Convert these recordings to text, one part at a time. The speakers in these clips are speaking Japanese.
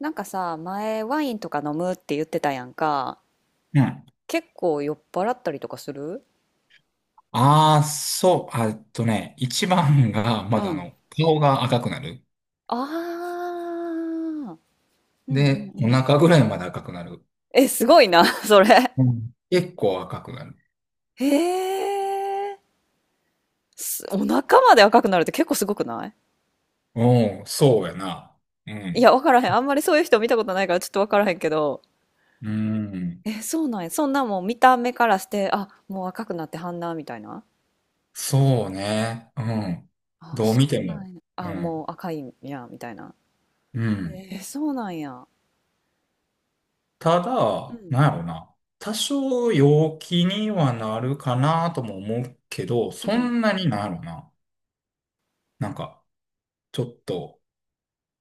なんかさ、前ワインとか飲むって言ってたやんか。うん。結構酔っ払ったりとかする。ああ、そう、あ、一番が、うまだん。顔が赤くなる。ああ、うんうんで、うおん。腹ぐらいまで赤くなる。え、すごいな、それ。うん。結構赤くなる。へえ。すお腹まで赤くなるって結構すごくない？うそうやな。ういん。や、わからへん。あんまりそういう人見たことないからちょっとわからへんけど。うん。え、そうなんや。そんなもう見た目からして、あ、もう赤くなってはんな、みたいな。そうね。うん。あ、どう見そてうなも。んや。うあ、もん。う赤いんや、みたいな。うん。えーそうなんや。たうだ、ん。なんやろな。多少陽気にはなるかなとも思うけど、うそん。んなになんやろな。なんか、ちょっと、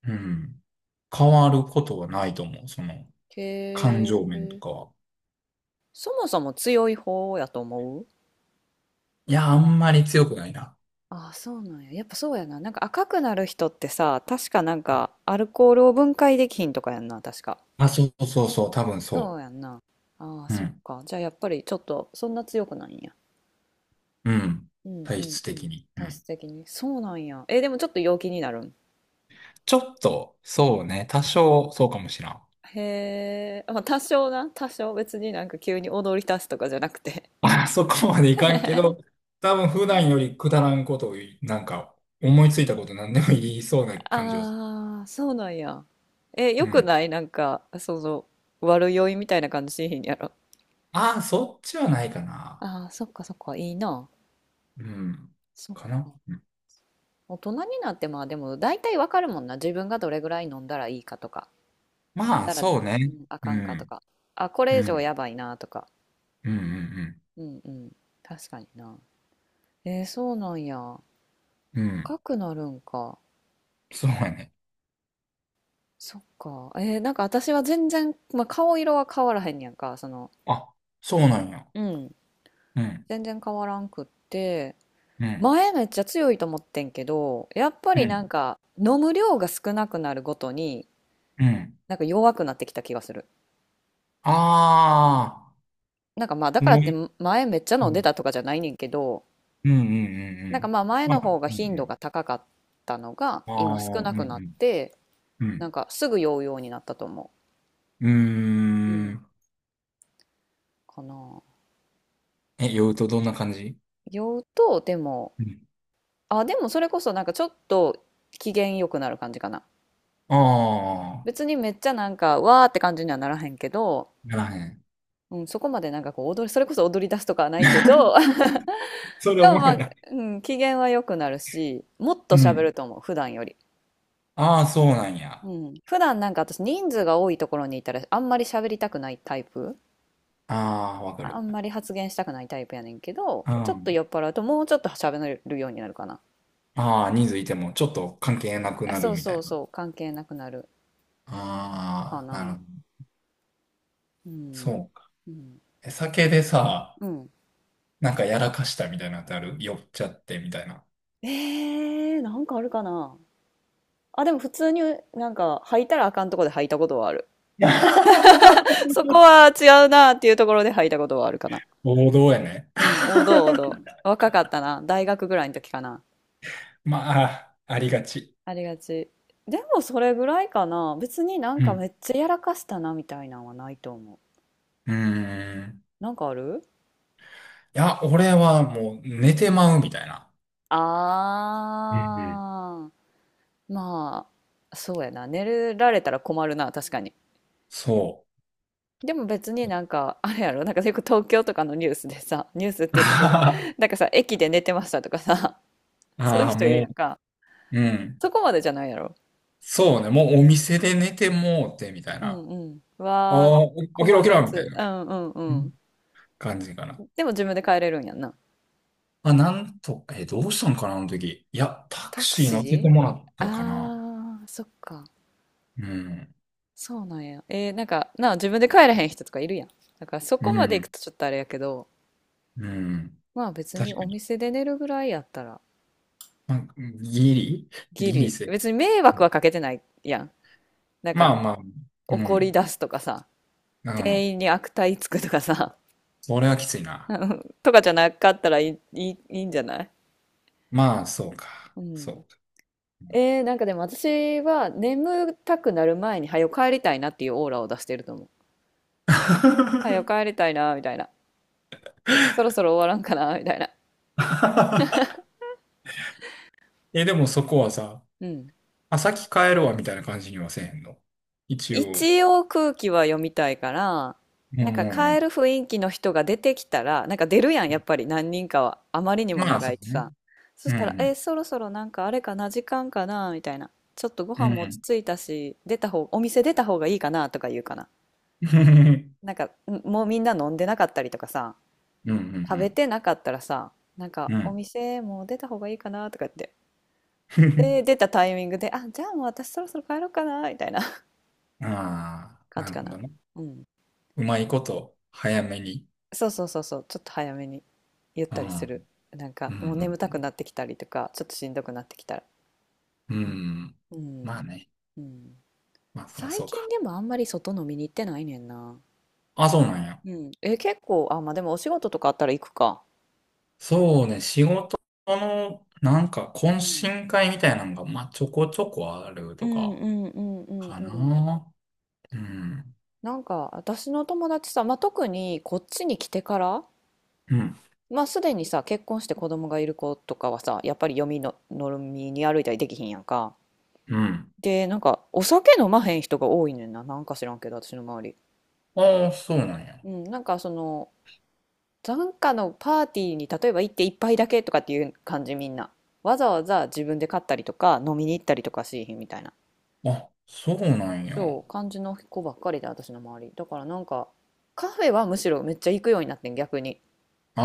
うん。変わることはうないとん。思う。その、感へ情面とえ。かは。そもそも強い方やと思う？いや、あんまり強くないな。ああ、そうなんや。やっぱそうやな。なんか赤くなる人ってさ、確かなんかアルコールを分解できひんとかやんな、確か。あ、そうそうそう、多分そそうやんな。ああ、う。うそっん。か。じゃあやっぱりちょっとそんな強くないんや。うん。うんう体ん質う的ん。に。う体ん。質的に。そうなんや。え、でもちょっと陽気になるん？ちょっと、そうね、多少、そうかもしらん。へえ。まあ多少な。多少別になんか急に踊り出すとかじゃなくて。あ、そこまでいかんけど、多分普段よりくだらんことを言い、なんか、思いついたこと何でも言いそうな感じはすああ、そうなんや。え、よる。うくん。ないなんか、その、悪酔いみたいな感じしへんやろ。ああ、そっちはないかな。ああ、そっかそっか、いいな。うん。そっかな。か。大人になってまあでも大体わかるもんな。自分がどれぐらい飲んだらいいかとか、飲んまあ、だら、うそうね。ん、あうかんかとん。か、あ、これう以上ん。やばいなとか。うんうんうんうん。確かにな。えー、そうなんや。うん。うん。赤くなるんか。そうやね。そっか。えー、なんか私は全然、まあ、顔色は変わらへんやんか。その、あ、そうなんや。うん。うん。全然変わらんくって。うん、前めっちゃ強いと思ってんけど、やっぱうりん、なんか飲む量が少なくなるごとに、うん。なんか弱くなってきた気がする。あなんかまあだあ、からってね、前めっちゃう飲んでたん、とかじゃないねんけど、うん、うん、うん。うなんかん、まあ前まのあ、方がうん、う頻度ん。が高かったのがあ今少あ、うん、なうくなっん、て、うなん。んかすぐ酔うようになったと思うう。うーん。ん。かな。え、酔うとどんな感じ。酔うと、でも、うん。あ、でもそれこそなんかちょっと機嫌良くなる感じかな。ああ、別にめっちゃなんかわーって感じにはならへんけど、ならへん。うん、そこまでなんかこう踊り、それこそ踊り出すとかはないけど、それでおももまろあ、いな。うん、機嫌は良くなるし、もっとう喋ん。ると思う、普段より。ああ、そうなんうや。ん。普段なんか私人数が多いところにいたらあんまり喋りたくないタイプ。ああ、わかある。んまり発言したくないタイプやねんけど、うちょっとん。酔っ払うともうちょっと喋れるようになるかな。ああ、人数いてもちょっと関係なくあ、なそるうみたそいうな。そう、関係なくなるかああ、なるな。ほど。うん。そうか。うん。え、酒でさ、うん。なんかやらかしたみたいなのってある、酔っちゃってみたいな。えー、なんかあるかな。あ、でも普通になんか履いたらあかんとこで履いたことはある。そ こは違うなっていうところで履いたことはあるかな。王道やね。うん、王道王道。若かったな。大学ぐらいの時かな。まあ、ありがち。ありがち。でもそれぐらいかな。別になんうかん。めっちゃやらかしたなみたいなのはないと思う。うーん。なんかある？いや、俺はもう寝てまうみたいな。うんうん、あー。まあ、そうやな。寝られたら困るな、確かに。そでも別になんか、あれやろ、なんかよく東京とかのニュースでさ、ニュースっう。ていうかさ、あなんかさ、駅で寝てましたとかさ、ーそういうあー、人いるもやんか。う、うん。そこまでじゃないやろ。そうね、もうお店で寝てもうてみたいうな。あんうん。わあ、ー、起きろ困起きるやろみたいつ。な、うんうんううん、ん。感じかな。でも自分で帰れるんやんな。あ、なんと、え、どうしたんかな、あの時。いや、タクタクシー乗せてシもー。らったかな。あー、そっか。うん。そうなんや。えー、なんか、なあ、自分で帰れへん人とかいるやん。だからそうこまで行くん。とちょっとあれやけど、うん。まあ別に確かおに。店で寝るぐらいやったら、ギリギギリリ。セーフ。別に迷惑はかけてないやん。なんまか、あまあ、う怒りん。出すとかさ、うん。店員に悪態つくとかさ、それはきついな。とかじゃなかったらいい、いい、いいんじゃない？まあ、そうか。うそん。うえー、なんかでも私は眠たくなる前に早く帰りたいなっていうオーラを出してると思う。早か。く帰りたいなみたいな。そろそろ終わらんかなみたいな。え、でもそこはさ、うん。あ、先帰るわみたいな感じにはせえへんの。一応。一応空気は読みたいから、うんなんかうん帰うる雰囲気の人が出てきたら、なんか出るやん、やっぱり何人かは。あまりにん。もまあ、長そいしうね。さ。そうしたら、えー、んそろそろなんかあれかな、時間かなみたいな。ちょっとごう飯ん。うも落ちん。着いたし、出た方、お店出た方がいいかなとか言うかな。なんか、んもうみんな飲んでなかったりとかさ。うんう食べんてなかったらさ、なんうん。かうおん。店もう出た方がいいかなとか言って。で、出たタイミングで、あ、じゃあもう私そろそろ帰ろうかなみたいな ああ、感なじるかほな。どね。うん。うまいこと、早めに。そうそうそうそう、ちょっと早めに言っうたりする。ん。なんうかもう眠たくんなってきたりとか、ちょっとしんどくなってきたら。うん。うん。うまん。あね。うん。まあ、そりゃ最そう近か。でもあんまり外飲みに行ってないねんな。あ、そうなんや。うん。え、結構、あ、まあでもお仕事とかあったら行くか。そうね、仕事の、なんか、う懇ん。親会みたいなのが、まあ、ちょこちょこあるうとんうか、んうんうんかうん。な。うん。なんか私の友達さ、まあ、特にこっちに来てから、うん。まあすでにさ結婚して子供がいる子とかはさやっぱり読みの飲みに歩いたりできひんやんか。うん。でなんかお酒飲まへん人が多いねんな、なんか知らんけど私の周り。ああ、そうなんや。うん、なんかその、なんかのパーティーに例えば行って一杯だけとかっていう感じみんな。わざわざ自分で買ったりとか飲みに行ったりとかしひんみたいな。あ、そうなんや。そう感じの子ばっかりで私の周り。だからなんかカフェはむしろめっちゃ行くようになってん逆に。あ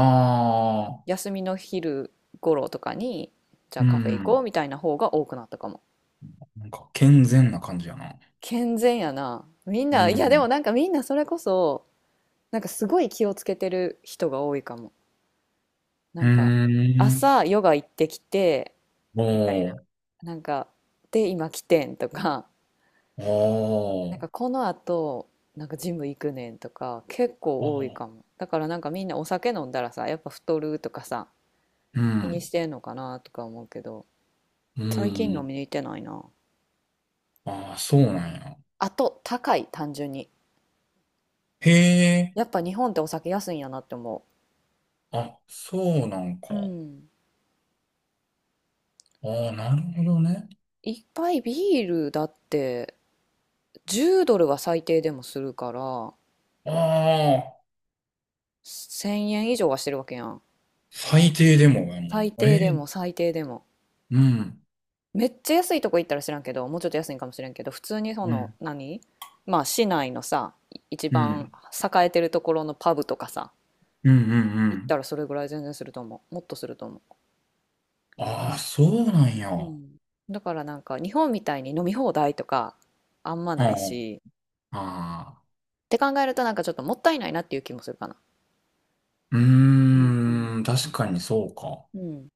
あ、休みの昼頃とかにじゃあうカフェ行こん。うみたいな方が多くなったかも。なんか、健全な感じやな。健全やな。みんうな、いやでもん。なんかみんなそれこそ、なんかすごい気をつけてる人が多いかも。なうーんか、ん。朝ヨガ行ってきて、おみたいな。ー。なんか、で、今来てんとか、あなんーかこの後、なんかジム行くねんとか、結あ構多いー。かも。だからなんかみんなお酒飲んだらさ、やっぱ太るとかさ、う気にしん。てんのかなとか思うけど、う最近飲ん。みに行ってないな。ああ、そうなんや。あと、高い、単純に。へえ。やっぱ日本ってお酒安いんやなって思あ、そうなんか。う。うん。ああ、なるほどね。一杯ビールだって10ドルは最低でもするからああ、1000円以上はしてるわけやん。最低でもやもん。最低えでもえ、最低でも。うん、めっちゃ安いとこ行ったら知らんけど、もうちょっと安いんかもしれんけど、普通にそうのん、何、まあ市内のさ、一う番ん、栄えてるところのパブとかさ、うん、うん、う行っん。たらそれぐらい全然すると思う。もっとすると思ああ、そうなんや。う。うあん。だからなんか日本みたいに飲み放題とかあんまないあ、し、ああ、って考えるとなんかちょっともったいないなっていう気もするかな。ううんうん。ーん、確かにそうか。うん。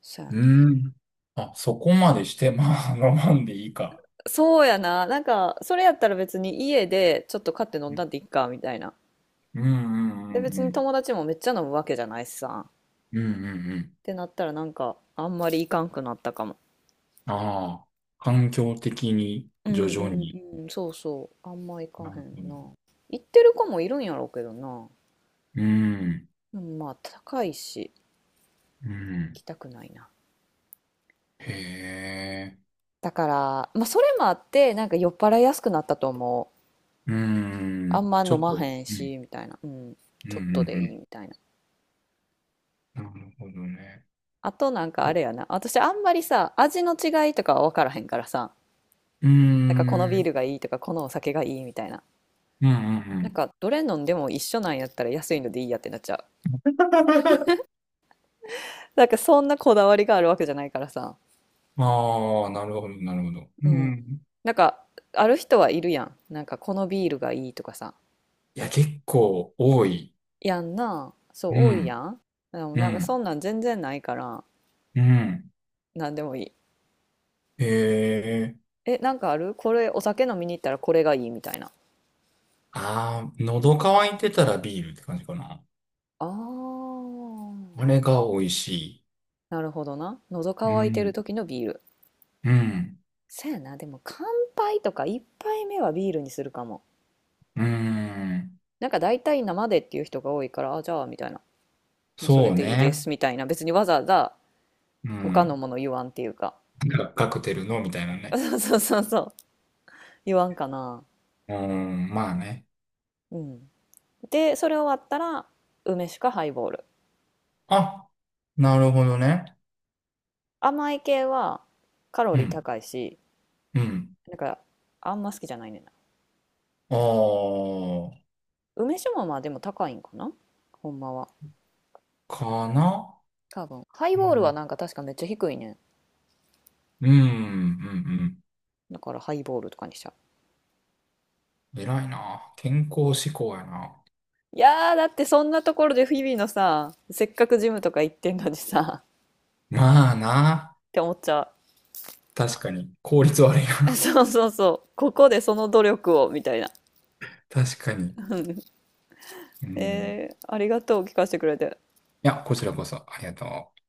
そうやうな。ーん。あ、そこまでして、まあ、我慢でいいか。そうやな。なんか、それやったら別に家でちょっと買って飲んうだん、んでいっか、みたいな。うん、で、別うにん、友達もめっちゃ飲むわけじゃないしさ。っうん、うん、うんうん。てなったらなんか、あんまりいかんくなったかも。ああ、環境的に、うん徐う々に。んうん、そうそう。あんまいかなるへほど。んな。行ってる子もいるんやろうけどな。うん、でもまあ、高いし、う行ん。きたくないな。へえ。だから、まあ、それもあって、なんか酔っ払いやすくなったと思う。うーあんん、まちょ飲っまと、へんうん、し、みたいな。うん、うん、ちうん、うょっとでいいん。みたいな。なるほどね。あとなんかあうれやな。私あんまりさ、味の違いとかは分からへんからさ、ーん、なんかこのビうーん、ルがいいとか、このお酒がいいみたいな。うなんん、かどれ飲んでも一緒なんやったら安いのでいいやってなっちゃう。なんかそんなこだわりがあるわけじゃないからさ。うん。ああ、なるほど、なるほど。ううん。ん。なんかある人はいるやん。なんかこのビールがいいとかさ。いや、結構多い。やんな。そうう多いやん、ん。でもうなんかん、そんなん全然ないから、うん。なんでもいい。へえ。え、なんかあるこれお酒飲みに行ったらこれがいいみたいな？ああ、喉乾いてたらビールって感じかな。あああ、れが美味しなるほどな。喉い。う乾いてるん、時のビール。うん、そやな、でも乾杯とか一杯目はビールにするかも。うん。なんか大体生でっていう人が多いから、あ、じゃあみたいな。もうそそれうでいいでね。すみたいな。別にわざわざう他のん。もの言わんっていうか。なんかカクテルのみたいなね。そうそうそうそう。言わんかな。うん、まあね。うん。で、それ終わったら梅酒かハイボール。あ、なるほどね。甘い系はカロうリーん、高いし、うん。なんかあんま好きじゃないねんな。あ梅酒もまあでも高いんかなほんまは。あ、かな。多分。ハイうボールはん、なんか確かめっちゃ低いねん。うん、うん、だからハイボールとかにしちゃう。うん。偉いな。健康志向やな。いやー、だってそんなところで日々のさ、せっかくジムとか行ってんのにさ、っまあな。て思っちゃ確かに。効う。うん。 率悪い な。そうそうそう。ここでその努力を、みたいな。確かに。うん。えー、ありがとう、聞かせてくれて。いや、こちらこそ、ありがとう。